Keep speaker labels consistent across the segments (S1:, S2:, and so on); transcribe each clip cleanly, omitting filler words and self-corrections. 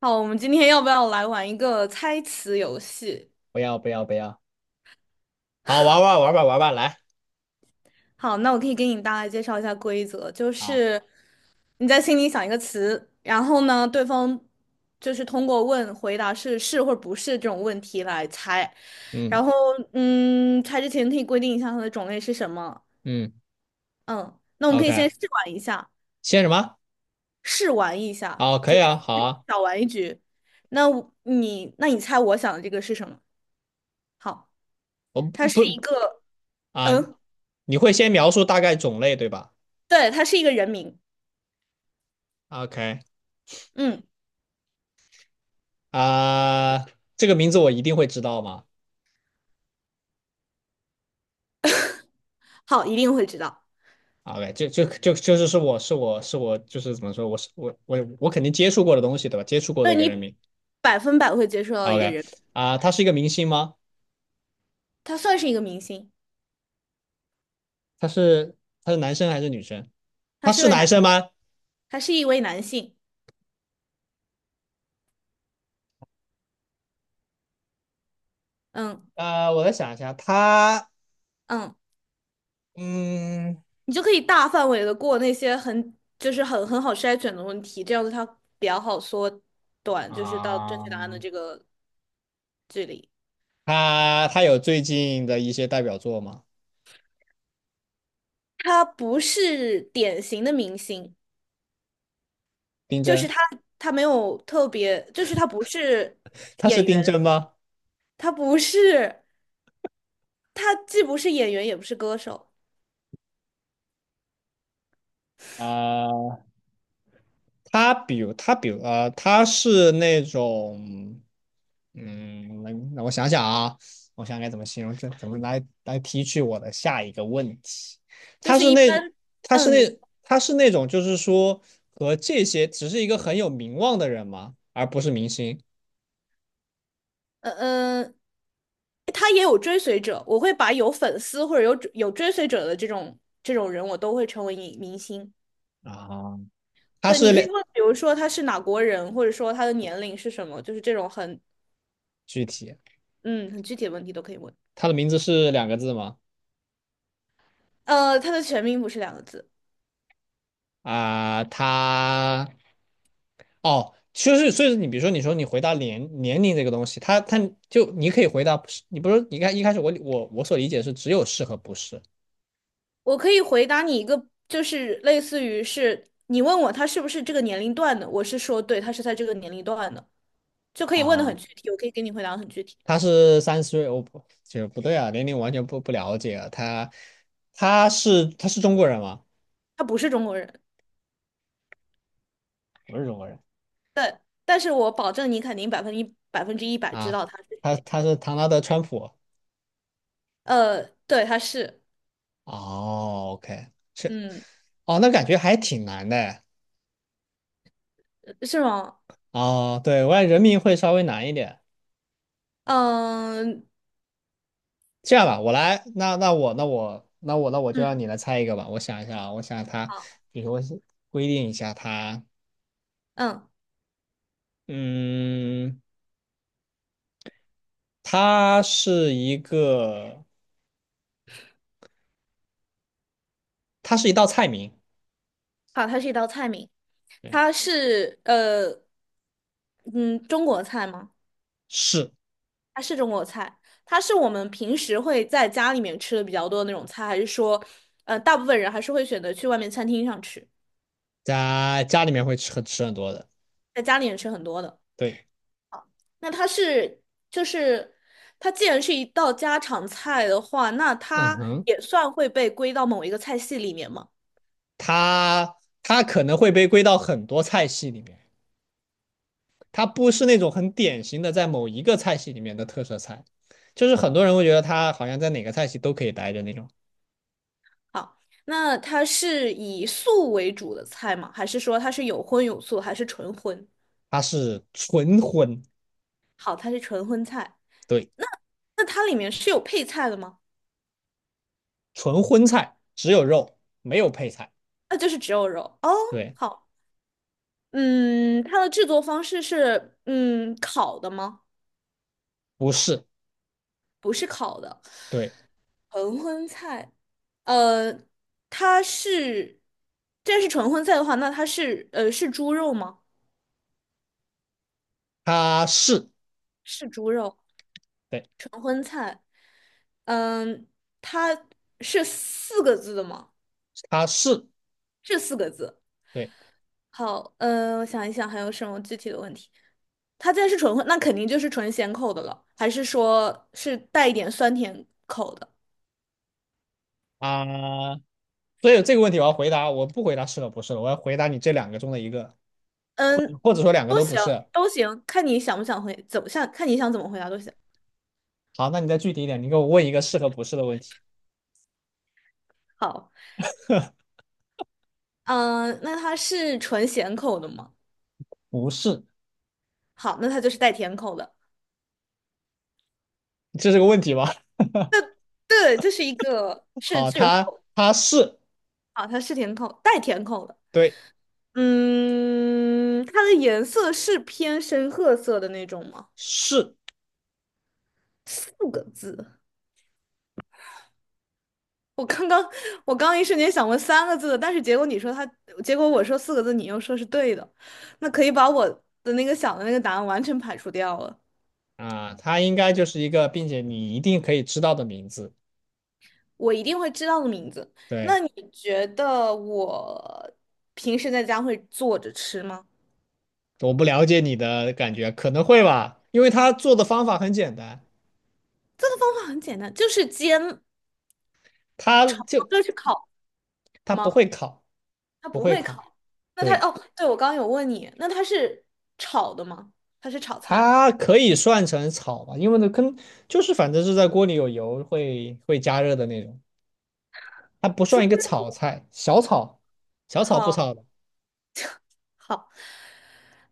S1: 好，我们今天要不要来玩一个猜词游戏？
S2: 不要不要不要，好，玩吧，玩吧，来，
S1: 好，那我可以给你大概介绍一下规则，就
S2: 好，
S1: 是你在心里想一个词，然后呢，对方就是通过问回答是是或者不是这种问题来猜，然
S2: 嗯
S1: 后猜之前可以规定一下它的种类是什么。
S2: 嗯
S1: 嗯，那我们可以
S2: ，OK，
S1: 先试玩一下，
S2: 先什么？
S1: 试玩一下，
S2: 哦，可
S1: 就
S2: 以啊，
S1: 是
S2: 好 啊，
S1: 小玩一局。那你猜我想的这个是什么？好，
S2: 我不
S1: 它是一
S2: 不
S1: 个，
S2: 啊，
S1: 嗯，
S2: 你会先描述大概种类对吧
S1: 对，它是一个人名。
S2: ？OK，
S1: 嗯，
S2: 啊，这个名字我一定会知道吗
S1: 好，一定会知道，
S2: ？OK，就就就就是是我是我是我就是怎么说，我是我我我肯定接触过的东西对吧？接触过
S1: 就
S2: 的一个人
S1: 你
S2: 名。
S1: 百分百会接触到一个
S2: OK,
S1: 人，
S2: 啊，他是一个明星吗？
S1: 他算是一个明星，
S2: 他是他是男生还是女生？
S1: 他
S2: 他
S1: 是
S2: 是
S1: 位
S2: 男
S1: 男，
S2: 生吗？
S1: 他是一位男性。嗯
S2: 我再想一下，他
S1: 嗯，
S2: 嗯。
S1: 你就可以大范围的过那些很就是很好筛选的问题，这样子他比较好缩短，就是到正
S2: 啊，
S1: 确答案的这个距离。
S2: 他有最近的一些代表作吗？
S1: 他不是典型的明星，
S2: 丁
S1: 就是
S2: 真，
S1: 他没有特别，就是他不是
S2: 他是
S1: 演
S2: 丁
S1: 员，
S2: 真吗？
S1: 他不是，他既不是演员也不是歌手。
S2: 啊，他比如,他是那种，嗯，那让我想想啊，我想该怎么形容这，怎么来提取我的下一个问题？
S1: 就
S2: 他
S1: 是
S2: 是
S1: 一
S2: 那
S1: 般，嗯，你，
S2: 他是那种就是说和这些只是一个很有名望的人吗？而不是明星，
S1: 嗯嗯，他也有追随者，我会把有粉丝或者有追随者的这种人，我都会成为明星。
S2: 啊，他
S1: 对，你
S2: 是
S1: 可
S2: 两
S1: 以问，比如说他是哪国人，或者说他的年龄是什么，就是这种很，
S2: 具体，
S1: 嗯，很具体的问题都可以问。
S2: 他的名字是2个字吗？
S1: 他的全名不是两个字，
S2: 啊、他哦，就是所以你比如说你说你回答年龄这个东西，他就你可以回答不是，你不是你看一开始我所理解是只有是和不是
S1: 我可以回答你一个，就是类似于是你问我他是不是这个年龄段的，我是说对，他是在这个年龄段的，就可以问的很
S2: 啊，
S1: 具体，我可以给你回答得很具体，
S2: 他是30岁，我不就不对啊，年龄完全不了解啊，他他是中国人吗？
S1: 他不是中国人。
S2: 不是中国人
S1: 但是我保证你肯定百分之一百知
S2: 啊，
S1: 道他是
S2: 他
S1: 谁。
S2: 他是唐纳德川普。
S1: 对，他是，
S2: 哦，OK,是
S1: 嗯，
S2: 哦，那感觉还挺难的。
S1: 是吗？
S2: 哦，对，我感觉人名会稍微难一点。
S1: 嗯
S2: 这样吧，我来，那我就让
S1: 嗯，
S2: 你来猜一个吧。我想一下啊，我想他，
S1: 好，
S2: 比如说规定一下他，
S1: 嗯，
S2: 嗯，它是一个，它是一道菜名，
S1: 好，它是一道菜名，
S2: 对，
S1: 它是嗯，中国菜吗？
S2: 是
S1: 它是中国菜，它是我们平时会在家里面吃的比较多的那种菜，还是说，大部分人还是会选择去外面餐厅上吃，
S2: 在家里面会吃很多的，
S1: 在家里面吃很多的？
S2: 对，
S1: 那它是就是它既然是一道家常菜的话，那
S2: 嗯
S1: 它
S2: 哼，
S1: 也算会被归到某一个菜系里面吗？
S2: 它它可能会被归到很多菜系里面，它不是那种很典型的在某一个菜系里面的特色菜，就是很多人会觉得它好像在哪个菜系都可以待着那种。
S1: 好，那它是以素为主的菜吗？还是说它是有荤有素，还是纯荤？
S2: 它是纯荤，
S1: 好，它是纯荤菜。
S2: 对，
S1: 那它里面是有配菜的吗？
S2: 纯荤菜只有肉没有配菜，
S1: 那就是只有肉哦。
S2: 对，
S1: 好，嗯，它的制作方式是烤的吗？
S2: 不是，
S1: 不是烤的，
S2: 对，
S1: 纯荤菜。呃，它是，这是纯荤菜的话，那它是是猪肉吗？
S2: 它是，
S1: 是猪肉。
S2: 对，
S1: 嗯，它是四个字的吗？
S2: 它是，
S1: 是四个字。
S2: 对
S1: 好，嗯，我想一想还有什么具体的问题。它既然是纯荤，那肯定就是纯咸口的了，还是说是带一点酸甜口的？
S2: 啊、所以这个问题我要回答，我不回答是了不是了，我要回答你这两个中的一个，或者
S1: 嗯，
S2: 或者说两个
S1: 都
S2: 都不
S1: 行，
S2: 是。
S1: 都行，看你想不想回，怎么想，看你想怎么回答都行。
S2: 好，那你再具体一点，你给我问一个是和不是的问题。
S1: 好，嗯，那它是纯咸口的吗？
S2: 不是，
S1: 好，那它就是带甜口的。
S2: 这是个问题吧？
S1: 对，这是一个 是
S2: 好，
S1: 句号
S2: 它是
S1: 啊，它是甜口，带甜口的。
S2: 对
S1: 嗯，它的颜色是偏深褐色的那种吗？
S2: 是
S1: 四个字，我刚刚我刚一瞬间想问三个字的，但是结果你说它，结果我说四个字，你又说是对的，那可以把我的那个想的那个答案完全排除掉了。
S2: 啊，它应该就是一个，并且你一定可以知道的名字。
S1: 我一定会知道的名字。
S2: 对，
S1: 那你觉得我平时在家会做着吃吗？
S2: 我不了解你的感觉，可能会吧，因为他做的方法很简单，
S1: 这个方法很简单，就是煎，
S2: 他就
S1: 就是烤
S2: 他不
S1: 吗？
S2: 会烤，
S1: 它
S2: 不
S1: 不
S2: 会
S1: 会
S2: 烤，
S1: 烤。那它
S2: 对，
S1: 哦，对，我刚刚有问你，那它是炒的吗？它是炒菜，
S2: 它可以算成炒吧，因为那跟就是反正是在锅里有油会加热的那种，它不
S1: 猪
S2: 算一个炒
S1: 肉。
S2: 菜，小炒，小炒不
S1: 好，
S2: 炒的，
S1: 好，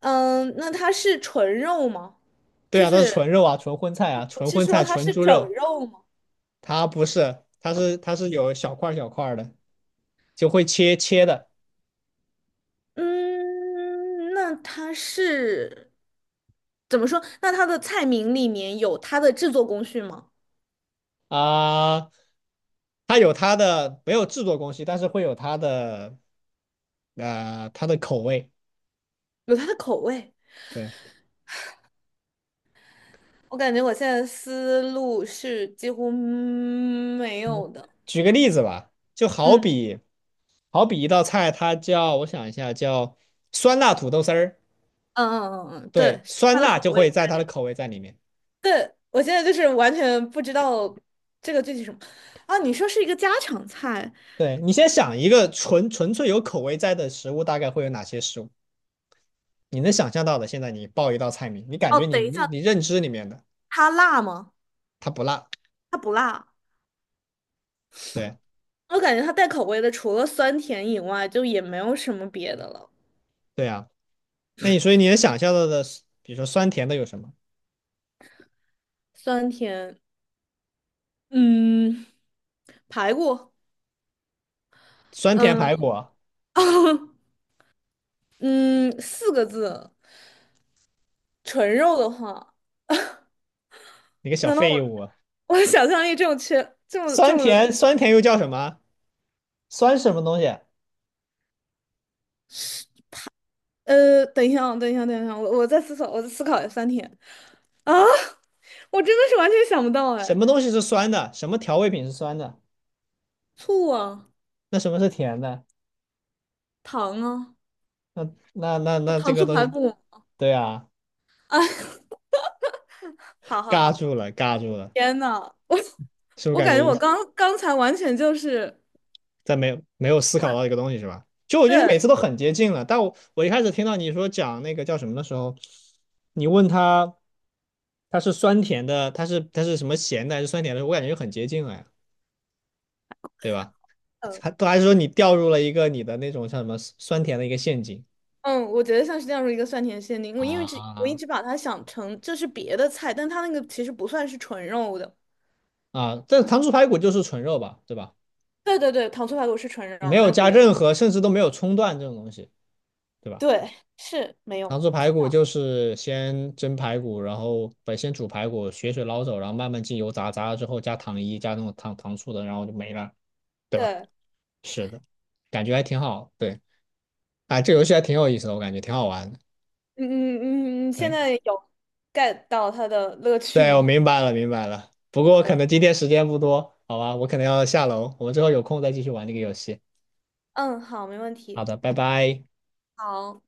S1: 嗯，那它是纯肉吗？
S2: 对
S1: 就
S2: 啊，它是纯
S1: 是
S2: 肉啊，纯荤菜啊，
S1: 我
S2: 纯
S1: 是
S2: 荤
S1: 说
S2: 菜，
S1: 它
S2: 纯
S1: 是
S2: 猪
S1: 整
S2: 肉，
S1: 肉吗？
S2: 它不是，它是有小块儿小块儿的，就会切切的。
S1: 嗯，那它是怎么说？那它的菜名里面有它的制作工序吗？
S2: 啊、它有它的没有制作工序，但是会有它的它的口味。
S1: 有它的口味？
S2: 对，
S1: 我感觉我现在思路是几乎没
S2: 嗯
S1: 有的。
S2: 举个例子吧，就好
S1: 嗯
S2: 比好比一道菜，它叫我想一下，叫酸辣土豆丝儿。
S1: 嗯，
S2: 对，
S1: 对，是
S2: 酸
S1: 它的
S2: 辣
S1: 口
S2: 就会
S1: 味。
S2: 在它的口味在里面。
S1: 我现在就是完全不知道这个具体什么啊？你说是一个家常菜
S2: 对，你先想一个纯粹有口味在的食物，大概会有哪些食物？你能想象到的，现在你报一道菜名，你感
S1: 哦？
S2: 觉你
S1: 等一下，
S2: 你认知里面的
S1: 它辣吗？
S2: 它不辣。
S1: 它不辣，
S2: 对
S1: 我感觉它带口味的，除了酸甜以外，就也没有什么别的了。
S2: 对啊，那你所以你能想象到的，比如说酸甜的有什么？
S1: 酸甜，嗯，排骨，
S2: 酸甜
S1: 嗯，
S2: 排骨，
S1: 嗯，四个字。纯肉的话，
S2: 你个 小
S1: 难道
S2: 废物！
S1: 我想象力这么缺，这么这
S2: 酸
S1: 么
S2: 甜酸甜又叫什么？酸什么东西？
S1: 等一下啊，等一下，等一下，我再思考，我再思考一下酸甜。啊，我真的是完全想不到
S2: 什
S1: 哎，
S2: 么东西是酸的？什么调味品是酸的？
S1: 醋啊，
S2: 那什么是甜的？
S1: 糖啊，
S2: 那那这
S1: 糖
S2: 个
S1: 醋
S2: 东
S1: 排
S2: 西，
S1: 骨
S2: 对啊，
S1: 啊，好好
S2: 尬
S1: 好好，
S2: 住了，尬住了，
S1: 天呐，我
S2: 是不是
S1: 我
S2: 感
S1: 感
S2: 觉
S1: 觉我
S2: 一
S1: 刚刚才完全就是，
S2: 在没有思考到一个东西是吧？就我觉得你
S1: 对，
S2: 每次都很接近了，但我一开始听到你说讲那个叫什么的时候，你问他他是酸甜的，他是什么咸的还是酸甜的，我感觉就很接近了呀。对吧？
S1: 嗯
S2: 还都还说你掉入了一个你的那种像什么酸甜的一个陷阱
S1: 嗯，我觉得像是这样的一个酸甜限定，我因为这我一
S2: 啊
S1: 直把它想成这是别的菜，但它那个其实不算是纯肉的。
S2: 啊！但糖醋排骨就是纯肉吧，对吧？
S1: 对对对，糖醋排骨是纯
S2: 没
S1: 肉，没
S2: 有
S1: 有
S2: 加
S1: 别的。
S2: 任何，甚至都没有葱段这种东西，对吧？
S1: 对，是没
S2: 糖
S1: 有。
S2: 醋排骨就是先蒸排骨，然后不先煮排骨，血水捞走，然后慢慢进油炸，炸了之后加糖衣，加那种糖醋的，然后就没了，对
S1: 对，
S2: 吧？
S1: 嗯
S2: 是的，感觉还挺好，对，哎，这游戏还挺有意思的，我感觉挺好玩的，
S1: 嗯嗯，你现在
S2: 哎。
S1: 有 get 到它的乐趣
S2: 对，我
S1: 吗？
S2: 明白了，明白了。不
S1: 好
S2: 过可
S1: 的，
S2: 能今天时间不多，好吧，我可能要下楼，我们之后有空再继续玩这个游戏。
S1: 嗯，好，没问
S2: 好
S1: 题。
S2: 的，拜拜。
S1: 好。